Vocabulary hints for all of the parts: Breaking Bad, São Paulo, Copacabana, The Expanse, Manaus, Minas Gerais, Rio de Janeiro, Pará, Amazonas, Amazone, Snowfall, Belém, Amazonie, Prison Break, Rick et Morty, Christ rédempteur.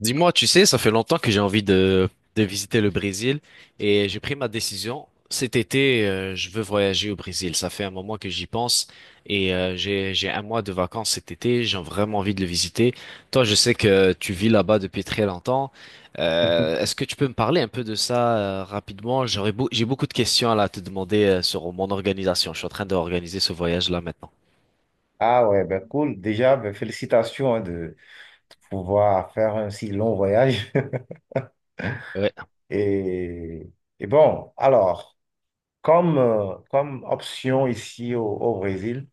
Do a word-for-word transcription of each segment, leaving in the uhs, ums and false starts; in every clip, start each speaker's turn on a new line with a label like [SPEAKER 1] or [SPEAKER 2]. [SPEAKER 1] Dis-moi, tu sais, ça fait longtemps que j'ai envie de, de visiter le Brésil et j'ai pris ma décision. Cet été, euh, je veux voyager au Brésil. Ça fait un moment que j'y pense et euh, j'ai, j'ai un mois de vacances cet été. J'ai vraiment envie de le visiter. Toi, je sais que tu vis là-bas depuis très longtemps. Euh, est-ce que tu peux me parler un peu de ça euh, rapidement? J'aurais beau- j'ai beaucoup de questions là, à te demander euh, sur mon organisation. Je suis en train d'organiser ce voyage-là maintenant.
[SPEAKER 2] Ah ouais, ben cool. Déjà, ben félicitations hein, de, de pouvoir faire un si long voyage.
[SPEAKER 1] Ouais,
[SPEAKER 2] Et, et bon, alors, comme, euh, Comme option ici au, au Brésil,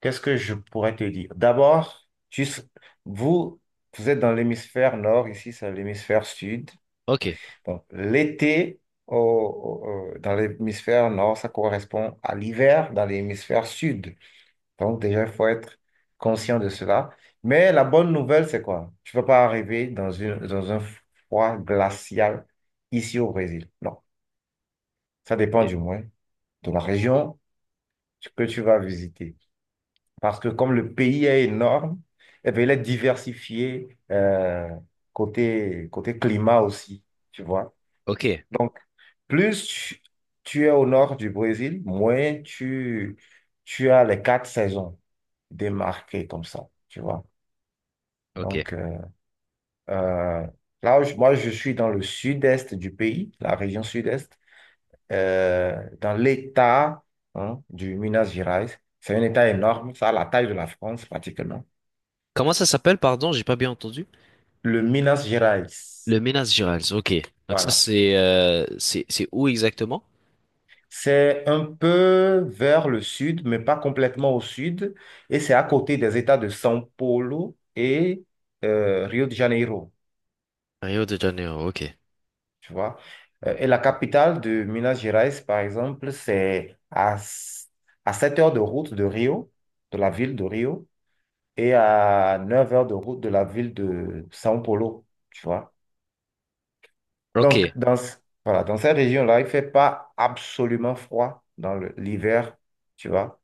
[SPEAKER 2] qu'est-ce que je pourrais te dire? D'abord, tu s- vous, vous êtes dans l'hémisphère nord, ici c'est l'hémisphère sud.
[SPEAKER 1] ok,
[SPEAKER 2] Donc, l'été au- au- au- dans l'hémisphère nord, ça correspond à l'hiver dans l'hémisphère sud. Donc déjà, il faut être conscient de cela. Mais la bonne nouvelle, c'est quoi? Tu ne vas pas arriver dans une, dans un froid glacial ici au Brésil. Non, ça dépend
[SPEAKER 1] ok,
[SPEAKER 2] du moins de la région que tu vas visiter. Parce que comme le pays est énorme, eh bien, il est diversifié euh, côté, côté climat aussi, tu vois.
[SPEAKER 1] ok.
[SPEAKER 2] Plus tu, tu es au nord du Brésil, moins tu, tu as les quatre saisons démarquées comme ça, tu vois.
[SPEAKER 1] Ok.
[SPEAKER 2] Donc, euh, Euh, là, je- Moi, je suis dans le sud-est du pays, la région sud-est, euh, dans l'État, hein, du Minas Gerais. C'est un État énorme, ça a la taille de la France pratiquement.
[SPEAKER 1] Comment ça s'appelle, pardon, j'ai pas bien entendu?
[SPEAKER 2] Le Minas Gerais,
[SPEAKER 1] Le Minas Gerais, ok. Donc ça,
[SPEAKER 2] voilà.
[SPEAKER 1] c'est euh, c'est c'est où exactement?
[SPEAKER 2] C'est un peu vers le sud, mais pas complètement au sud. Et c'est à côté des États de São Paulo et euh, Rio de Janeiro.
[SPEAKER 1] Rio de Janeiro, ok.
[SPEAKER 2] Tu vois. Euh, et la capitale de Minas Gerais, par exemple, c'est à, s- à sept heures de route de Rio, de la ville de Rio, et à neuf heures de route de la ville de São Paulo, tu vois.
[SPEAKER 1] Ok,
[SPEAKER 2] Donc, dans, ce- voilà, dans cette région-là, il ne fait pas absolument froid dans le- l'hiver, tu vois.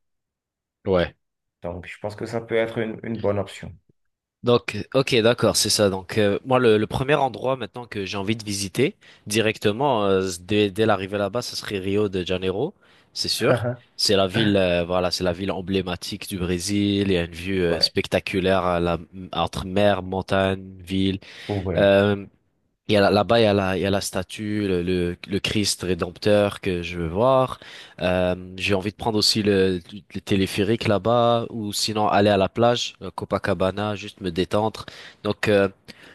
[SPEAKER 1] ouais.
[SPEAKER 2] Donc, je pense que ça peut être une, une bonne option.
[SPEAKER 1] Donc, ok, d'accord, c'est ça. Donc, euh, moi, le, le premier endroit maintenant que j'ai envie de visiter directement, euh, dès, dès l'arrivée là-bas, ce serait Rio de Janeiro, c'est sûr. C'est la ville, euh, voilà, c'est la ville emblématique du Brésil. Il y a une vue euh,
[SPEAKER 2] Ouais,
[SPEAKER 1] spectaculaire à la, entre mer, montagne, ville.
[SPEAKER 2] ouais,
[SPEAKER 1] Euh, Il y a la- Là-bas, il y a la, il y a la statue, le, le, le Christ rédempteur que je veux voir. Euh, j'ai envie de prendre aussi le, le téléphérique là-bas, ou sinon aller à la plage, euh, Copacabana, juste me détendre. Donc, euh,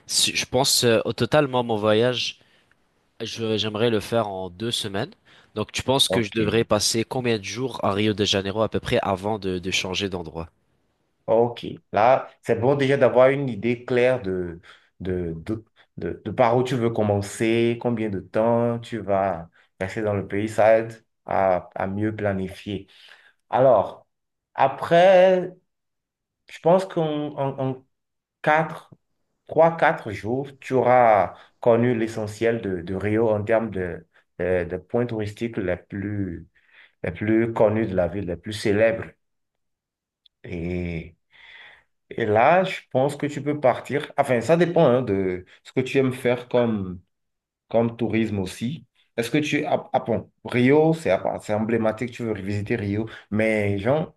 [SPEAKER 1] si- je pense euh, au total, moi, mon voyage, je- j'aimerais le faire en deux semaines. Donc, tu penses que je
[SPEAKER 2] ok.
[SPEAKER 1] devrais passer combien de jours à Rio de Janeiro à peu près avant de, de changer d'endroit?
[SPEAKER 2] Ok, là, c'est bon déjà d'avoir une idée claire de, de, de, de, de par où tu veux commencer, combien de temps tu vas rester dans le pays, ça aide à, à mieux planifier. Alors, après, je pense qu'en en, en quatre, trois, quatre jours, tu auras connu l'essentiel de, de Rio en termes de, de, de points touristiques les plus, les plus connus de la ville, les plus célèbres. Et Et là, je pense que tu peux partir. Enfin, ça dépend hein, de ce que tu aimes faire comme, comme tourisme aussi. Est-ce que tu... Ah, ah bon, Rio, c'est à c'est emblématique, tu veux visiter Rio. Mais genre,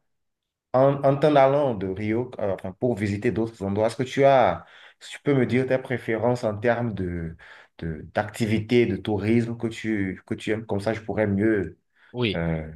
[SPEAKER 2] en, en t'en allant de Rio, euh, enfin, pour visiter d'autres endroits, est-ce que tu as... est-ce que tu peux me dire tes préférences en termes de, de, d'activité, de tourisme que tu, que tu aimes? Comme ça, je pourrais mieux...
[SPEAKER 1] Oui.
[SPEAKER 2] euh,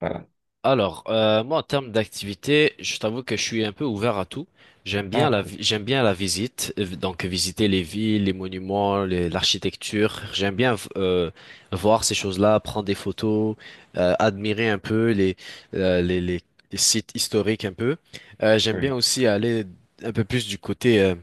[SPEAKER 2] voilà.
[SPEAKER 1] Alors, euh, moi, en termes d'activité, je t'avoue que je suis un peu ouvert à tout. J'aime bien
[SPEAKER 2] Ah,
[SPEAKER 1] la,
[SPEAKER 2] cool.
[SPEAKER 1] vi- j'aime bien la visite, euh, donc visiter les villes, les monuments, les- l'architecture. J'aime bien v- euh, voir ces choses-là, prendre des photos, euh, admirer un peu les, euh, les, les- les sites historiques un peu. Euh, j'aime bien
[SPEAKER 2] Oui.
[SPEAKER 1] aussi aller un peu plus du côté euh,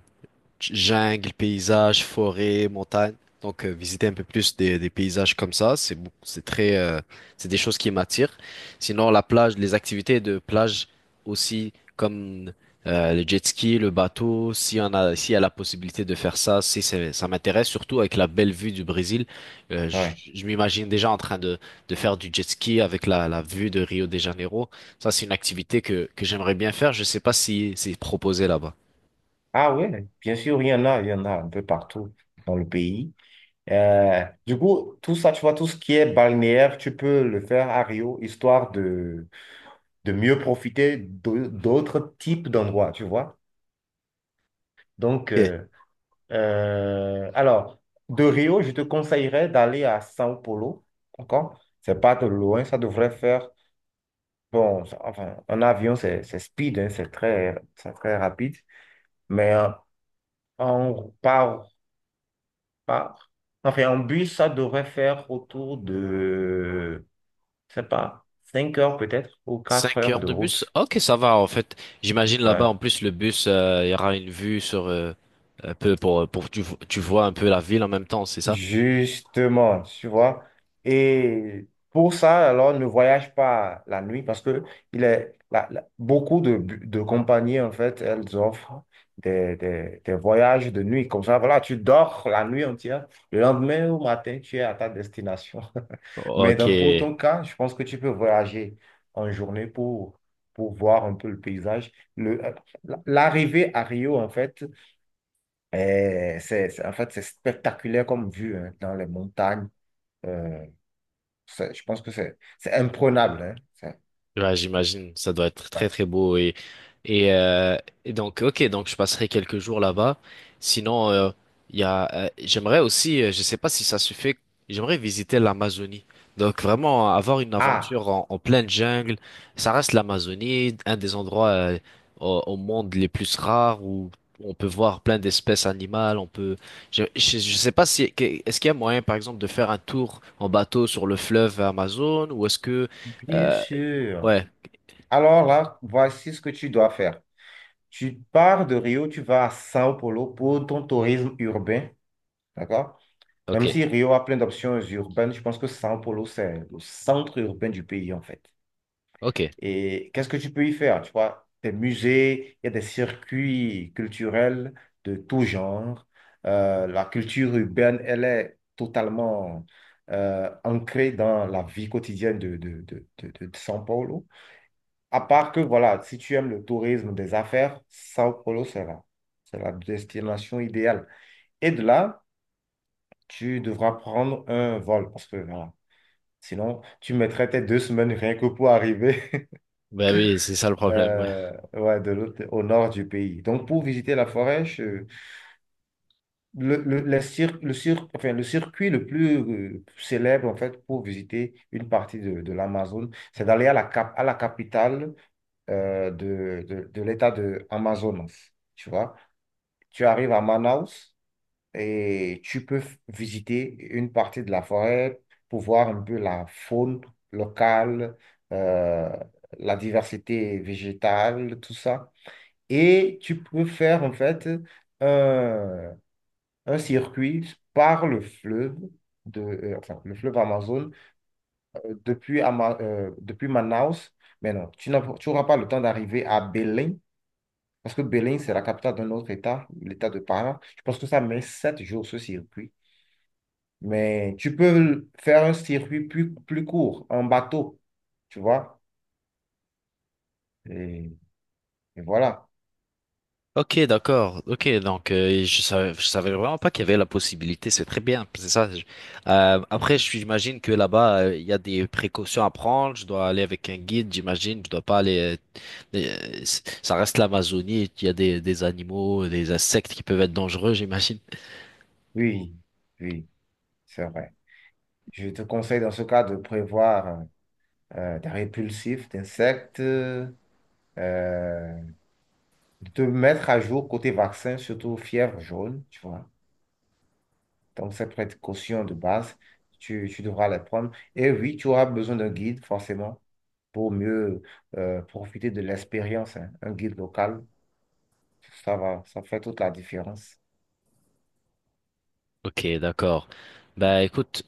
[SPEAKER 1] jungle, paysage, forêt, montagne. Donc euh, visiter un peu plus des, des paysages comme ça, c'est beaucoup- c'est très euh, c'est des choses qui m'attirent. Sinon la plage, les activités de plage aussi comme euh, le jet ski, le bateau, si on a s'il y a la possibilité de faire ça, si c'est- ça m'intéresse surtout avec la belle vue du Brésil. Euh, je,
[SPEAKER 2] Ouais.
[SPEAKER 1] je m'imagine déjà en train de de faire du jet ski avec la la vue de Rio de Janeiro. Ça c'est une activité que que j'aimerais bien faire, je sais pas si c'est proposé là-bas.
[SPEAKER 2] Ah oui, bien sûr, il y en a, il y en a un peu partout dans le pays. Euh, du coup, tout ça, tu vois, tout ce qui est balnéaire, tu peux le faire à Rio, histoire de, de mieux profiter d'au- d'autres types d'endroits, tu vois. Donc, euh, euh, alors, de Rio, je te conseillerais d'aller à São Paulo, d'accord? C'est pas de loin, ça devrait faire, bon, ça- enfin, en avion, c'est c'est speed, hein, c'est très, c'est très rapide, mais euh, en, par, par, enfin, en bus, ça devrait faire autour de... je sais pas, cinq heures peut-être ou quatre
[SPEAKER 1] Cinq
[SPEAKER 2] heures
[SPEAKER 1] heures
[SPEAKER 2] de
[SPEAKER 1] de bus?
[SPEAKER 2] route.
[SPEAKER 1] Ok, ça va en fait. J'imagine là-bas
[SPEAKER 2] Ouais.
[SPEAKER 1] en plus le bus, euh, il y aura une vue sur euh, un peu pour pour tu, vo- tu vois un peu la ville en même temps, c'est ça?
[SPEAKER 2] Justement, tu vois. Et pour ça, alors, ne voyage pas la nuit parce que il est, la- la- beaucoup de, de compagnies, en fait, elles offrent des, des, des voyages de nuit. Comme ça, voilà, tu dors la nuit entière. Le lendemain au matin, tu es à ta destination. Mais
[SPEAKER 1] Ok.
[SPEAKER 2] dans, pour ton cas, je pense que tu peux voyager en journée pour, pour voir un peu le paysage. Le, euh, L'arrivée à Rio, en fait, et c'est, c'est- en fait, c'est spectaculaire comme vue hein, dans les montagnes. Euh, c'est- je pense que c'est c'est imprenable, hein. C'est-
[SPEAKER 1] Ouais, j'imagine, ça doit être très très beau et et, euh, et donc ok donc je passerai quelques jours là-bas. Sinon euh, il y a euh, j'aimerais aussi euh, je sais pas si ça se fait, j'aimerais visiter l'Amazonie. Donc vraiment avoir une
[SPEAKER 2] Ah,
[SPEAKER 1] aventure en, en pleine jungle, ça reste l'Amazonie, un des endroits euh, au, au monde les plus rares où on peut voir plein d'espèces animales, on peut je, je, je sais pas si que- est-ce qu'il y a moyen par exemple de faire un tour en bateau sur le fleuve Amazon ou est-ce que
[SPEAKER 2] bien
[SPEAKER 1] euh,
[SPEAKER 2] sûr.
[SPEAKER 1] ouais,
[SPEAKER 2] Alors là, voici ce que tu dois faire. Tu pars de Rio, tu vas à Sao Paulo pour ton tourisme urbain. D'accord?
[SPEAKER 1] ok,
[SPEAKER 2] Même si Rio a plein d'options urbaines, je pense que Sao Paulo, c'est le centre urbain du pays, en fait.
[SPEAKER 1] ok.
[SPEAKER 2] Et qu'est-ce que tu peux y faire? Tu vois, des musées, il y a des circuits culturels de tout genre. Euh, la culture urbaine, elle est totalement euh, ancrée dans la vie quotidienne de, de, de, de, de- de São Paulo. À part que, voilà, si tu aimes le tourisme des affaires, São Paulo, c'est là. C'est la destination idéale. Et de là, tu devras prendre un vol parce que, voilà, sinon, tu mettrais tes deux semaines rien que pour arriver
[SPEAKER 1] Ben oui, c'est ça le problème, ouais.
[SPEAKER 2] euh, ouais, de l'autre, au nord du pays. Donc, pour visiter la forêt, je- le, le, les cir- le, cir- enfin, le circuit le plus euh, célèbre, en fait, pour visiter une partie de, de l'Amazone, c'est d'aller à la, cap- à la capitale euh, de, de, de l'État de Amazonas. Tu vois, tu arrives à Manaus et tu peux f- visiter une partie de la forêt pour voir un peu la faune locale, euh, la diversité végétale, tout ça. Et tu peux faire en fait un, un circuit par le fleuve, de, euh, enfin, le fleuve Amazon, euh, depuis, Ama- euh, depuis Manaus. Mais non, tu n'as- tu n'auras pas le temps d'arriver à Belém, parce que Belém, c'est la capitale d'un autre État, l'État de Pará. Je pense que ça met sept jours ce circuit. Mais tu peux faire un circuit plus, plus court, en bateau, tu vois. Et, et voilà.
[SPEAKER 1] Ok, d'accord. Ok, donc euh, je savais, je savais vraiment pas qu'il y avait la possibilité. C'est très bien, c'est ça. Je- Euh, après, je- j'imagine que là-bas, euh, il y a des précautions à prendre. Je dois aller avec un guide, j'imagine. Je dois pas aller. Euh, euh, c- ça reste l'Amazonie. Il y a des, des animaux, des insectes qui peuvent être dangereux, j'imagine.
[SPEAKER 2] Oui, oui, c'est vrai. Je te conseille dans ce cas de prévoir, euh, euh, d'un répulsif, d'insectes, euh, de te mettre à jour côté vaccin, surtout fièvre jaune, tu vois. Donc, cette précaution de base, tu, tu devras les prendre. Et oui, tu auras besoin d'un guide, forcément, pour mieux euh, profiter de l'expérience, hein. Un guide local, ça va, ça fait toute la différence,
[SPEAKER 1] Ok, d'accord. Bah écoute,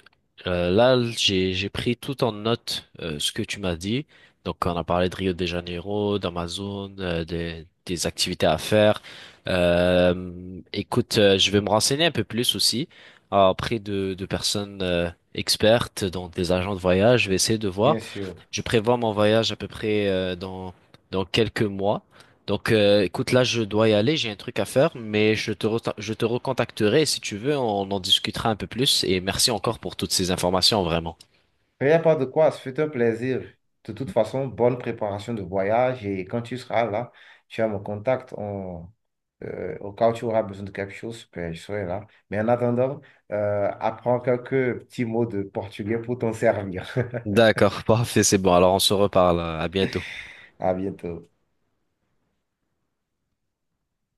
[SPEAKER 1] euh, là j'ai j'ai pris tout en note euh, ce que tu m'as dit. Donc on a parlé de Rio de Janeiro, d'Amazon, euh, des des activités à faire. Euh, écoute, euh, je vais me renseigner un peu plus aussi euh, auprès de de personnes euh, expertes, donc des agents de voyage. Je vais essayer de
[SPEAKER 2] bien
[SPEAKER 1] voir.
[SPEAKER 2] sûr.
[SPEAKER 1] Je prévois mon voyage à peu près euh, dans dans quelques mois. Donc, euh, écoute, là, je dois y aller, j'ai un truc à faire, mais je te, re- je te recontacterai et si tu veux, on en discutera un peu plus. Et merci encore pour toutes ces informations, vraiment.
[SPEAKER 2] Il n'y a pas de quoi, ce fut un plaisir. De toute façon, bonne préparation de voyage et quand tu seras là, tu as mon contact. On, euh, au cas où tu auras besoin de quelque chose, ben, je serai là. Mais en attendant, euh, apprends quelques petits mots de portugais pour t'en servir.
[SPEAKER 1] D'accord, parfait, c'est bon. Alors on se reparle. À bientôt.
[SPEAKER 2] À bientôt.